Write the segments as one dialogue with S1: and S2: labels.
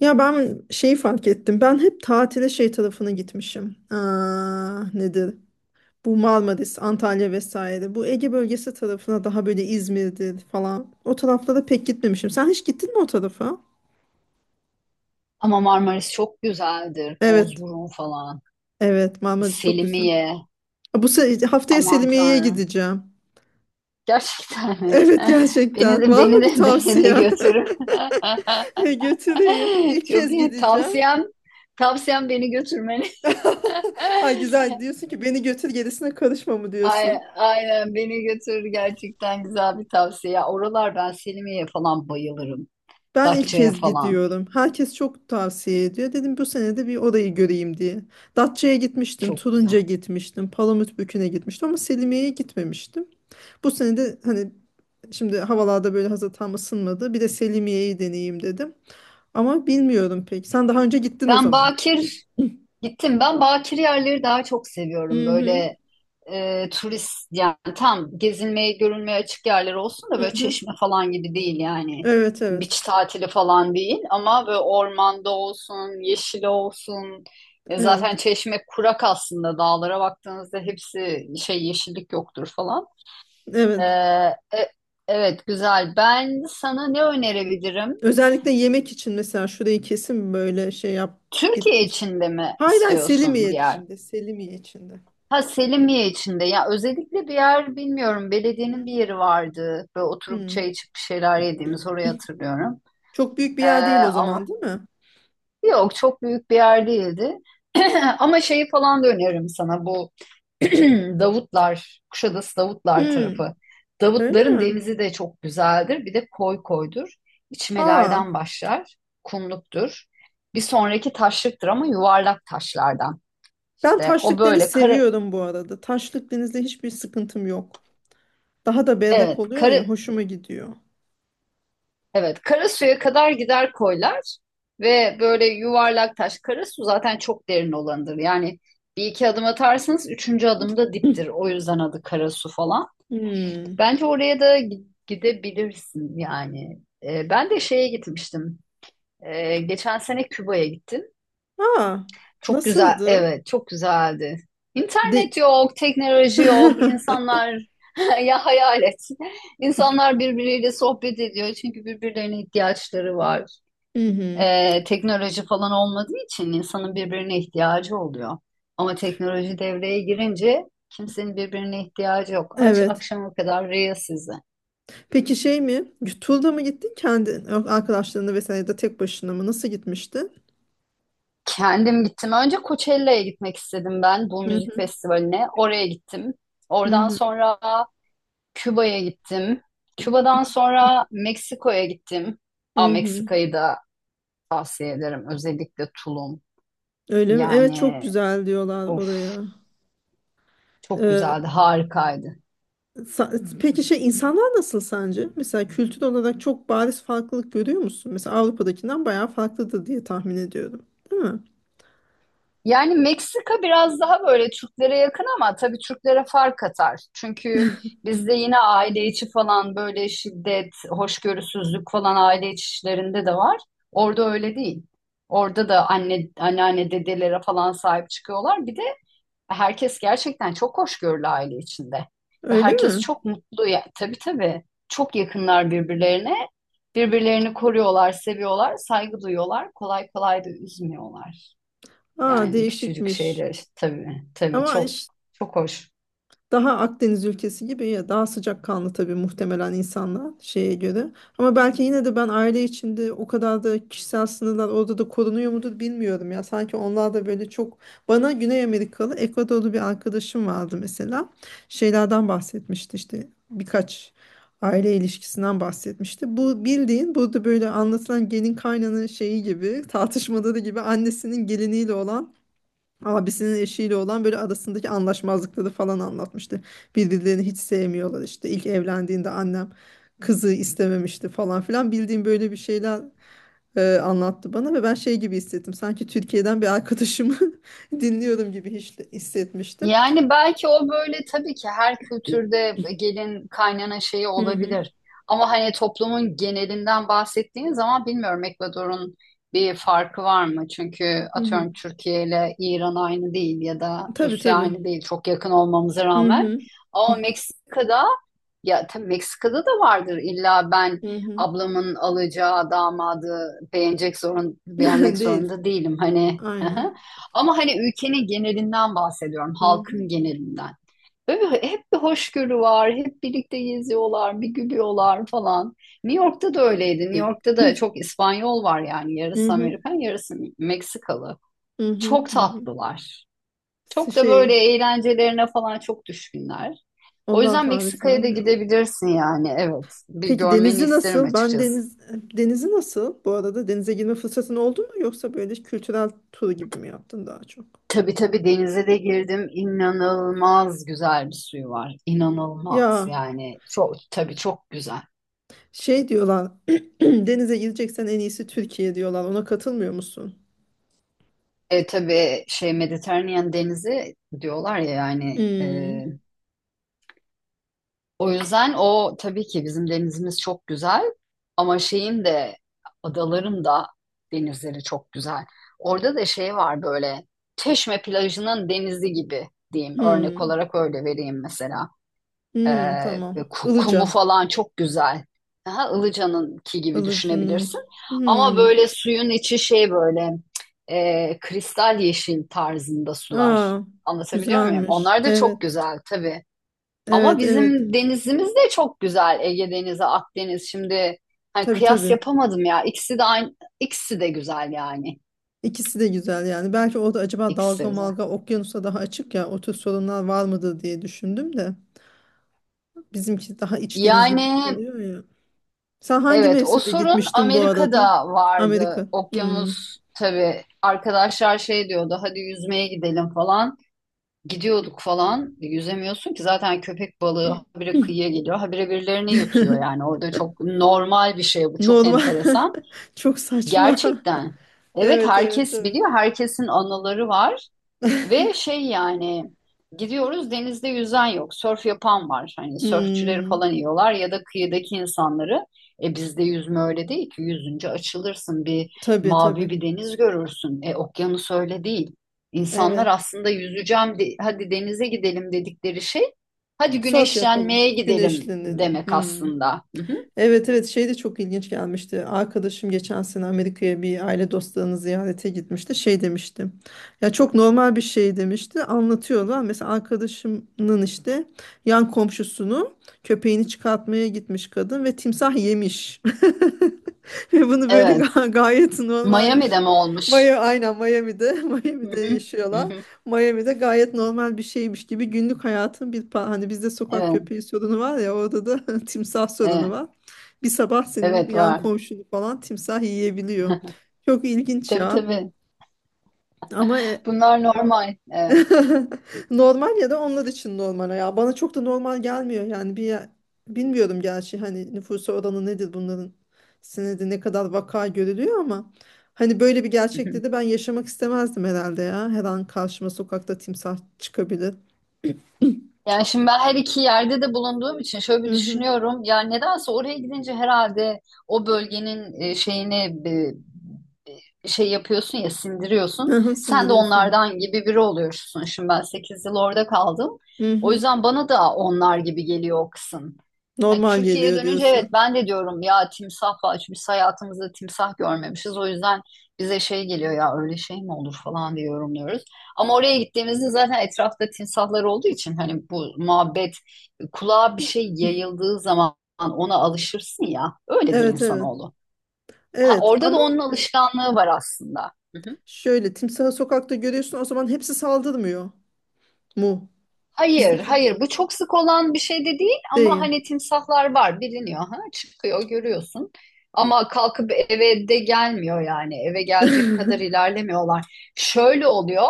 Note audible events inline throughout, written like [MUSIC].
S1: Ya ben şeyi fark ettim. Ben hep tatile şey tarafına gitmişim. Aa, nedir? Bu Marmaris, Antalya vesaire. Bu Ege bölgesi tarafına daha böyle İzmir'dir falan. O taraflara pek gitmemişim. Sen hiç gittin mi o tarafa?
S2: Ama Marmaris çok güzeldir.
S1: Evet.
S2: Bozburun falan.
S1: Evet, Marmaris çok güzel.
S2: Selimiye.
S1: Haftaya
S2: Aman
S1: Selimiye'ye
S2: Tanrım.
S1: gideceğim. [LAUGHS]
S2: Gerçekten mi?
S1: Evet
S2: [LAUGHS] Beni
S1: gerçekten.
S2: de
S1: Var
S2: beni
S1: mı bir
S2: de [LAUGHS] beni de
S1: tavsiye?
S2: götürün. [LAUGHS]
S1: [LAUGHS] Götüreyim. İlk
S2: Çok
S1: kez
S2: iyi.
S1: gideceğim.
S2: Tavsiyem beni götürmeni.
S1: [LAUGHS] Ha, güzel
S2: [LAUGHS]
S1: diyorsun ki beni götür gerisine karışma mı diyorsun?
S2: Aynen beni götür, gerçekten güzel bir tavsiye. Ya, oralar, ben Selimiye'ye falan bayılırım.
S1: Ben ilk
S2: Datça'ya
S1: kez
S2: falan.
S1: gidiyorum. Herkes çok tavsiye ediyor. Dedim bu sene de bir orayı göreyim diye. Datça'ya gitmiştim,
S2: Çok güzel.
S1: Turunca gitmiştim, Palamutbükü'ne gitmiştim ama Selimiye'ye gitmemiştim. Bu sene de hani şimdi havalarda böyle hazır tam ısınmadı. Bir de Selimiye'yi deneyeyim dedim. Ama bilmiyorum pek. Sen daha önce gittin o
S2: Ben
S1: zaman.
S2: Bakir gittim. Ben Bakir yerleri daha çok seviyorum.
S1: Hı hı.
S2: Böyle turist yani tam gezilmeye görülmeye açık yerler olsun da
S1: Hı
S2: böyle
S1: hı.
S2: Çeşme falan gibi değil yani.
S1: Evet, evet.
S2: Beach tatili falan değil ama böyle ormanda olsun, yeşil olsun.
S1: Evet.
S2: Zaten Çeşme kurak, aslında dağlara baktığınızda hepsi şey, yeşillik yoktur falan. E,
S1: Evet.
S2: e, evet, güzel. Ben sana ne önerebilirim?
S1: Özellikle yemek için mesela şurayı kesin böyle şey yap
S2: Türkiye
S1: gitmiş.
S2: içinde mi
S1: Hayır, hayır,
S2: istiyorsun
S1: Selimiye
S2: bir yer?
S1: içinde, Selimiye içinde.
S2: Ha, Selimiye içinde, ya özellikle bir yer bilmiyorum, belediyenin bir yeri vardı, böyle oturup
S1: Hı.
S2: çay içip bir şeyler yediğimiz, orayı hatırlıyorum.
S1: Çok büyük bir
S2: Ee,
S1: yer değil o zaman,
S2: ama
S1: değil mi?
S2: yok, çok büyük bir yer değildi. [CLEARS THROAT] Ama şeyi falan da öneririm sana, bu [CLEARS THROAT] Davutlar, Kuşadası Davutlar
S1: Hmm,
S2: tarafı.
S1: öyle
S2: Davutların
S1: mi?
S2: denizi de çok güzeldir, bir de koy koydur.
S1: Ha,
S2: İçmelerden başlar, kumluktur, bir sonraki taşlıktır ama yuvarlak taşlardan.
S1: ben
S2: İşte o
S1: taşlık deniz
S2: böyle kara,
S1: seviyorum bu arada. Taşlık denizde hiçbir sıkıntım yok. Daha da berrak
S2: evet,
S1: oluyor ya, hoşuma gidiyor.
S2: evet, Karasu'ya kadar gider koylar ve böyle yuvarlak taş. Karasu zaten çok derin olanıdır. Yani bir iki adım atarsanız üçüncü
S1: [LAUGHS]
S2: adımda diptir.
S1: [CLEARS THROAT]
S2: O yüzden adı Karasu falan.
S1: Hmm.
S2: Bence oraya da gidebilirsin yani. Ben de şeye gitmiştim. Geçen sene Küba'ya gittim.
S1: Ha,
S2: Çok güzel,
S1: nasıldı?
S2: evet, çok güzeldi.
S1: De
S2: İnternet yok, teknoloji yok,
S1: [LAUGHS]
S2: insanlar [LAUGHS] ya hayal et. İnsanlar birbiriyle sohbet ediyor çünkü birbirlerine ihtiyaçları var.
S1: hı hı.
S2: Teknoloji falan olmadığı için insanın birbirine ihtiyacı oluyor. Ama teknoloji devreye girince kimsenin birbirine ihtiyacı yok. Aç
S1: Evet.
S2: akşama kadar Reels sizi.
S1: Peki şey mi? Turda mı gittin kendi yok, arkadaşlarınla vesaire ya da tek başına mı? Nasıl gitmiştin?
S2: Kendim gittim. Önce Coachella'ya gitmek istedim, ben bu
S1: Hı
S2: müzik festivaline. Oraya gittim.
S1: hı
S2: Oradan
S1: hı hı.
S2: sonra Küba'ya gittim. Küba'dan sonra Meksiko'ya gittim. Aa,
S1: Hı hı.
S2: Meksika'yı da tavsiye ederim. Özellikle Tulum.
S1: Öyle mi? Evet, çok
S2: Yani
S1: güzel diyorlar
S2: of,
S1: oraya.
S2: çok
S1: Ee,
S2: güzeldi, harikaydı.
S1: Sa- Peki şey insanlar nasıl sence? Mesela kültür olarak çok bariz farklılık görüyor musun? Mesela Avrupa'dakinden bayağı farklıdır diye tahmin ediyorum. Değil mi?
S2: Yani Meksika biraz daha böyle Türklere yakın ama tabii Türklere fark atar. Çünkü bizde yine aile içi falan böyle şiddet, hoşgörüsüzlük falan, aile içi işlerinde de var. Orada öyle değil. Orada da anne, anneanne, dedelere falan sahip çıkıyorlar. Bir de herkes gerçekten çok hoşgörülü aile içinde. Ve
S1: Öyle
S2: herkes
S1: mi?
S2: çok mutlu. Ya, tabii tabii, çok yakınlar birbirlerine. Birbirlerini koruyorlar, seviyorlar, saygı duyuyorlar. Kolay kolay da üzmüyorlar.
S1: Aa,
S2: Yani küçücük
S1: değişikmiş.
S2: şeyler işte, tabii tabii,
S1: Ama
S2: çok
S1: iş-
S2: hoş.
S1: Daha Akdeniz ülkesi gibi ya, daha sıcakkanlı tabii muhtemelen insanlar şeye göre. Ama belki yine de ben aile içinde o kadar da kişisel sınırlar orada da korunuyor mudur bilmiyorum ya. Sanki onlar da böyle çok bana Güney Amerikalı Ekvadorlu bir arkadaşım vardı mesela. Şeylerden bahsetmişti işte birkaç aile ilişkisinden bahsetmişti. Bu bildiğin burada böyle anlatılan gelin kaynanın şeyi gibi tartışmaları gibi annesinin geliniyle olan abisinin eşiyle olan böyle arasındaki anlaşmazlıkları falan anlatmıştı. Birbirlerini hiç sevmiyorlar işte. İlk evlendiğinde annem kızı istememişti falan filan. Bildiğim böyle bir şeyler anlattı bana ve ben şey gibi hissettim. Sanki Türkiye'den bir arkadaşımı [LAUGHS] dinliyorum gibi hiç hissetmiştim.
S2: Yani belki o böyle, tabii ki her kültürde gelin kaynana şeyi
S1: Hı hı.
S2: olabilir. Ama hani toplumun genelinden bahsettiğin zaman, bilmiyorum, Ekvador'un bir farkı var mı? Çünkü
S1: Hı hı.
S2: atıyorum, Türkiye ile İran aynı değil ya da
S1: Tabii
S2: Rusya
S1: tabii.
S2: aynı değil, çok yakın olmamıza
S1: Hı
S2: rağmen.
S1: hı.
S2: Ama Meksika'da, ya tabii Meksika'da da vardır illa, ben
S1: Hı hı.
S2: ablamın alacağı damadı beğenecek, zorun beğenmek
S1: [LAUGHS] Değil.
S2: zorunda değilim hani. [LAUGHS]
S1: Aynen.
S2: Ama hani ülkenin genelinden bahsediyorum,
S1: Hı
S2: halkın
S1: hı.
S2: genelinden. Böyle hep bir hoşgörü var, hep birlikte geziyorlar, bir gülüyorlar falan. New York'ta da öyleydi. New
S1: [CLEARS THROAT]
S2: York'ta da çok İspanyol var, yani
S1: Hı
S2: yarısı
S1: hı.
S2: Amerikan, yarısı Meksikalı.
S1: Hı hı.
S2: Çok
S1: Hı
S2: tatlılar.
S1: hı.
S2: Çok da
S1: Şey,
S2: böyle eğlencelerine falan çok düşkünler. O
S1: ondan
S2: yüzden
S1: taviz
S2: Meksika'ya da
S1: vermiyorum.
S2: gidebilirsin yani. Evet. Bir
S1: Peki
S2: görmeni
S1: denizi
S2: isterim
S1: nasıl? Ben
S2: açıkçası.
S1: deniz Denizi nasıl? Bu arada denize girme fırsatın oldu mu, yoksa böyle kültürel tur gibi mi yaptın daha çok?
S2: Tabii tabii, denize de girdim. İnanılmaz güzel bir suyu var. İnanılmaz
S1: Ya,
S2: yani. Çok tabii, çok güzel.
S1: şey diyorlar, [CLEARS THROAT] denize gireceksen en iyisi Türkiye diyorlar. Ona katılmıyor musun?
S2: E tabii şey, Mediterranean denizi diyorlar ya yani,
S1: Hmm,
S2: o yüzden, o tabii ki bizim denizimiz çok güzel ama şeyin de, adaların da denizleri çok güzel. Orada da şey var, böyle Çeşme plajının denizi gibi diyeyim, örnek
S1: hmm,
S2: olarak öyle vereyim mesela. Ee,
S1: hmm, tamam.
S2: kumu
S1: Ilıca.
S2: falan çok güzel. Daha Ilıca'nınki gibi
S1: Ilıca'nın.
S2: düşünebilirsin. Ama
S1: Hmm.
S2: böyle suyun içi şey, böyle kristal yeşil tarzında sular.
S1: Aa,
S2: Anlatabiliyor muyum?
S1: güzelmiş.
S2: Onlar da çok
S1: Evet.
S2: güzel tabii. Ama
S1: Evet, evet.
S2: bizim denizimiz de çok güzel. Ege Denizi, Akdeniz. Şimdi hani
S1: Tabii
S2: kıyas
S1: tabii.
S2: yapamadım ya. İkisi de aynı, ikisi de güzel yani.
S1: İkisi de güzel yani. Belki orada acaba
S2: İkisi de
S1: dalga
S2: güzel.
S1: malga okyanusa daha açık ya, o tür sorunlar var mıdır diye düşündüm de. Bizimki daha iç deniz gibi
S2: Yani
S1: oluyor ya. Sen hangi
S2: evet, o
S1: mevsimde
S2: sorun
S1: gitmiştin bu arada?
S2: Amerika'da vardı.
S1: Amerika. Hmm.
S2: Okyanus, tabii arkadaşlar şey diyordu, hadi yüzmeye gidelim falan. Gidiyorduk falan. Yüzemiyorsun ki, zaten köpek balığı habire kıyıya geliyor. Habire birilerini yutuyor yani. Orada çok normal bir şey bu. Çok
S1: Normal. [LAUGHS]
S2: enteresan.
S1: Çok saçma.
S2: Gerçekten.
S1: [LAUGHS]
S2: Evet,
S1: Evet evet
S2: herkes
S1: evet.
S2: biliyor. Herkesin anıları var. Ve şey yani, gidiyoruz, denizde yüzen yok. Sörf yapan var. Hani sörfçüleri
S1: Hmm.
S2: falan yiyorlar ya da kıyıdaki insanları. E bizde yüzme öyle değil ki. Yüzünce açılırsın,
S1: Tabii
S2: mavi
S1: tabii.
S2: bir deniz görürsün. E okyanus öyle değil. İnsanlar
S1: Evet.
S2: aslında hadi denize gidelim dedikleri şey, hadi
S1: Surf yapalım.
S2: güneşlenmeye gidelim
S1: Güneşlenelim.
S2: demek
S1: Hmm.
S2: aslında. Hı hı.
S1: Evet evet, şey de çok ilginç gelmişti. Arkadaşım geçen sene Amerika'ya bir aile dostlarını ziyarete gitmişti. Şey demişti. Ya çok normal bir şey demişti. Anlatıyorlar. Mesela arkadaşımın işte yan komşusunu köpeğini çıkartmaya gitmiş kadın ve timsah yemiş. [LAUGHS] [LAUGHS] Ve bunu böyle
S2: Evet.
S1: gayet
S2: Miami'de
S1: normalmiş.
S2: mi olmuş?
S1: Maya, aynen Miami'de, [LAUGHS]
S2: Hı
S1: Miami'de
S2: hı. Hı
S1: yaşıyorlar.
S2: hı.
S1: Miami'de gayet normal bir şeymiş gibi günlük hayatın bir hani bizde sokak
S2: Evet,
S1: köpeği sorunu var ya, orada da [LAUGHS] timsah sorunu
S2: evet,
S1: var. Bir sabah senin
S2: evet
S1: yan
S2: var.
S1: komşunu falan timsah yiyebiliyor. Çok ilginç
S2: Tabii
S1: ya.
S2: tabii.
S1: Ama
S2: Bunlar normal. Evet.
S1: [LAUGHS] normal ya da onlar için normal ya. Bana çok da normal gelmiyor yani bir bilmiyorum gerçi hani nüfusa oranı nedir bunların, senede ne kadar vaka görülüyor ama hani böyle bir gerçekliği de
S2: [LAUGHS]
S1: ben yaşamak istemezdim herhalde ya. Her an karşıma sokakta timsah çıkabilir.
S2: Yani şimdi, ben her iki yerde de bulunduğum için şöyle bir
S1: Hı hı.
S2: düşünüyorum. Ya nedense oraya gidince, herhalde o bölgenin şeyini, şey yapıyorsun ya,
S1: [LAUGHS] Hı
S2: sindiriyorsun.
S1: hı,
S2: Sen de
S1: sindiriyorsun.
S2: onlardan gibi biri oluyorsun. Şimdi ben 8 yıl orada kaldım.
S1: Hı
S2: O
S1: hı.
S2: yüzden bana da onlar gibi geliyor o kısım. Yani
S1: Normal
S2: Türkiye'ye
S1: geliyor
S2: dönünce evet,
S1: diyorsun.
S2: ben de diyorum ya timsah var. Çünkü biz hayatımızda timsah görmemişiz. O yüzden bize şey geliyor ya, öyle şey mi olur falan diye yorumluyoruz. Ama oraya gittiğimizde zaten etrafta timsahlar olduğu için, hani bu muhabbet kulağa bir şey yayıldığı zaman ona alışırsın ya. Öyledir
S1: Evet evet.
S2: insanoğlu. Ha,
S1: Evet
S2: orada da
S1: ama
S2: onun alışkanlığı var aslında.
S1: şöyle timsahı sokakta görüyorsun o zaman hepsi saldırmıyor mu?
S2: Hayır,
S1: Bizdeki
S2: hayır. Bu çok sık olan bir şey de değil ama
S1: değil.
S2: hani timsahlar var, biliniyor. Ha? Çıkıyor, görüyorsun. Ama kalkıp eve de gelmiyor yani. Eve gelecek kadar
S1: [LAUGHS]
S2: ilerlemiyorlar. Şöyle oluyor.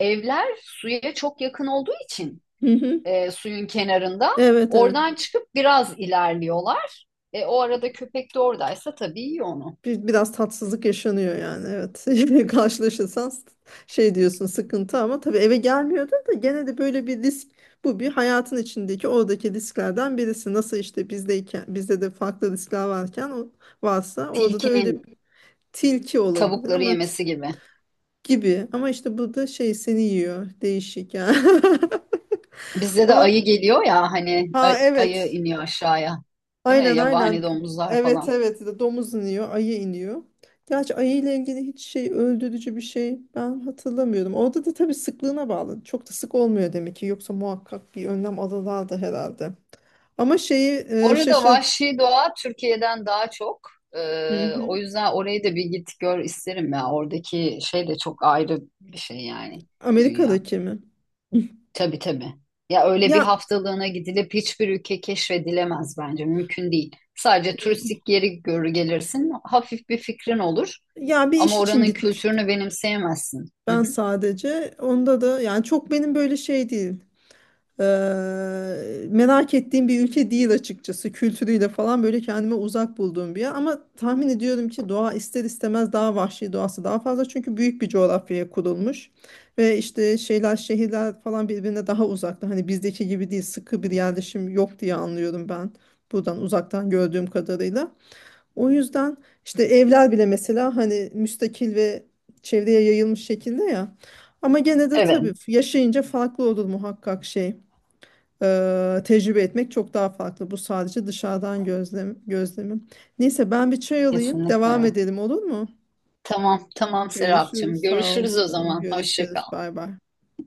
S2: Evler suya çok yakın olduğu için,
S1: Hı hı.
S2: suyun kenarında
S1: Evet evet.
S2: oradan çıkıp biraz ilerliyorlar. E, o arada köpek de oradaysa tabii yiyor onu.
S1: Bir, biraz tatsızlık yaşanıyor yani, evet. [LAUGHS] Karşılaşırsan şey diyorsun sıkıntı, ama tabii eve gelmiyordu da gene de böyle bir risk, bu bir hayatın içindeki oradaki risklerden birisi. Nasıl işte bizdeyken bizde de farklı riskler varken o, varsa orada da öyle
S2: Tilkinin
S1: bir tilki olabilir
S2: tavukları
S1: ama
S2: yemesi gibi.
S1: gibi, ama işte burada şey seni yiyor, değişik yani. [LAUGHS]
S2: Bizde de
S1: Ama
S2: ayı geliyor ya, hani
S1: ha
S2: ayı
S1: evet,
S2: iniyor aşağıya. Değil mi?
S1: aynen aynen.
S2: Yabani domuzlar
S1: Evet
S2: falan.
S1: evet, domuz iniyor, ayı iniyor. Gerçi ayı ile ilgili hiç şey öldürücü bir şey ben hatırlamıyorum. Orada da tabii sıklığına bağlı. Çok da sık olmuyor demek ki. Yoksa muhakkak bir önlem alırlardı herhalde. Ama şeyi
S2: Orada
S1: şaşır.
S2: vahşi doğa Türkiye'den daha çok.
S1: Hı
S2: O
S1: hı.
S2: yüzden orayı da bir git gör isterim ya. Oradaki şey de çok ayrı bir şey yani, dünya.
S1: Amerika'daki mi?
S2: Tabii tabii. Ya öyle bir
S1: Ya
S2: haftalığına gidilip hiçbir ülke keşfedilemez bence. Mümkün değil. Sadece turistik yeri görür gelirsin. Hafif bir fikrin olur.
S1: ya bir
S2: Ama
S1: iş için
S2: oranın
S1: gitmiştim
S2: kültürünü benimseyemezsin. Hı
S1: ben
S2: hı.
S1: sadece. Onda da yani çok benim böyle şey değil. Eee, merak ettiğim bir ülke değil açıkçası. Kültürüyle falan böyle kendime uzak bulduğum bir yer. Ama tahmin ediyorum ki doğa ister istemez daha vahşi, doğası daha fazla. Çünkü büyük bir coğrafyaya kurulmuş. Ve işte şeyler şehirler falan birbirine daha uzakta. Hani bizdeki gibi değil, sıkı bir yerleşim yok diye anlıyorum ben. Buradan uzaktan gördüğüm kadarıyla. O yüzden işte evler bile mesela hani müstakil ve çevreye yayılmış şekilde ya. Ama gene de tabii
S2: Evet.
S1: yaşayınca farklı olur muhakkak şey tecrübe etmek çok daha farklı. Bu sadece dışarıdan gözlem, gözlemim. Neyse, ben bir çay alayım,
S2: Kesinlikle
S1: devam
S2: öyle.
S1: edelim olur mu?
S2: Tamam, tamam Serapcığım.
S1: Görüşürüz. Sağ ol
S2: Görüşürüz o
S1: canım.
S2: zaman. Hoşça
S1: Görüşürüz.
S2: kal.
S1: Bay bay.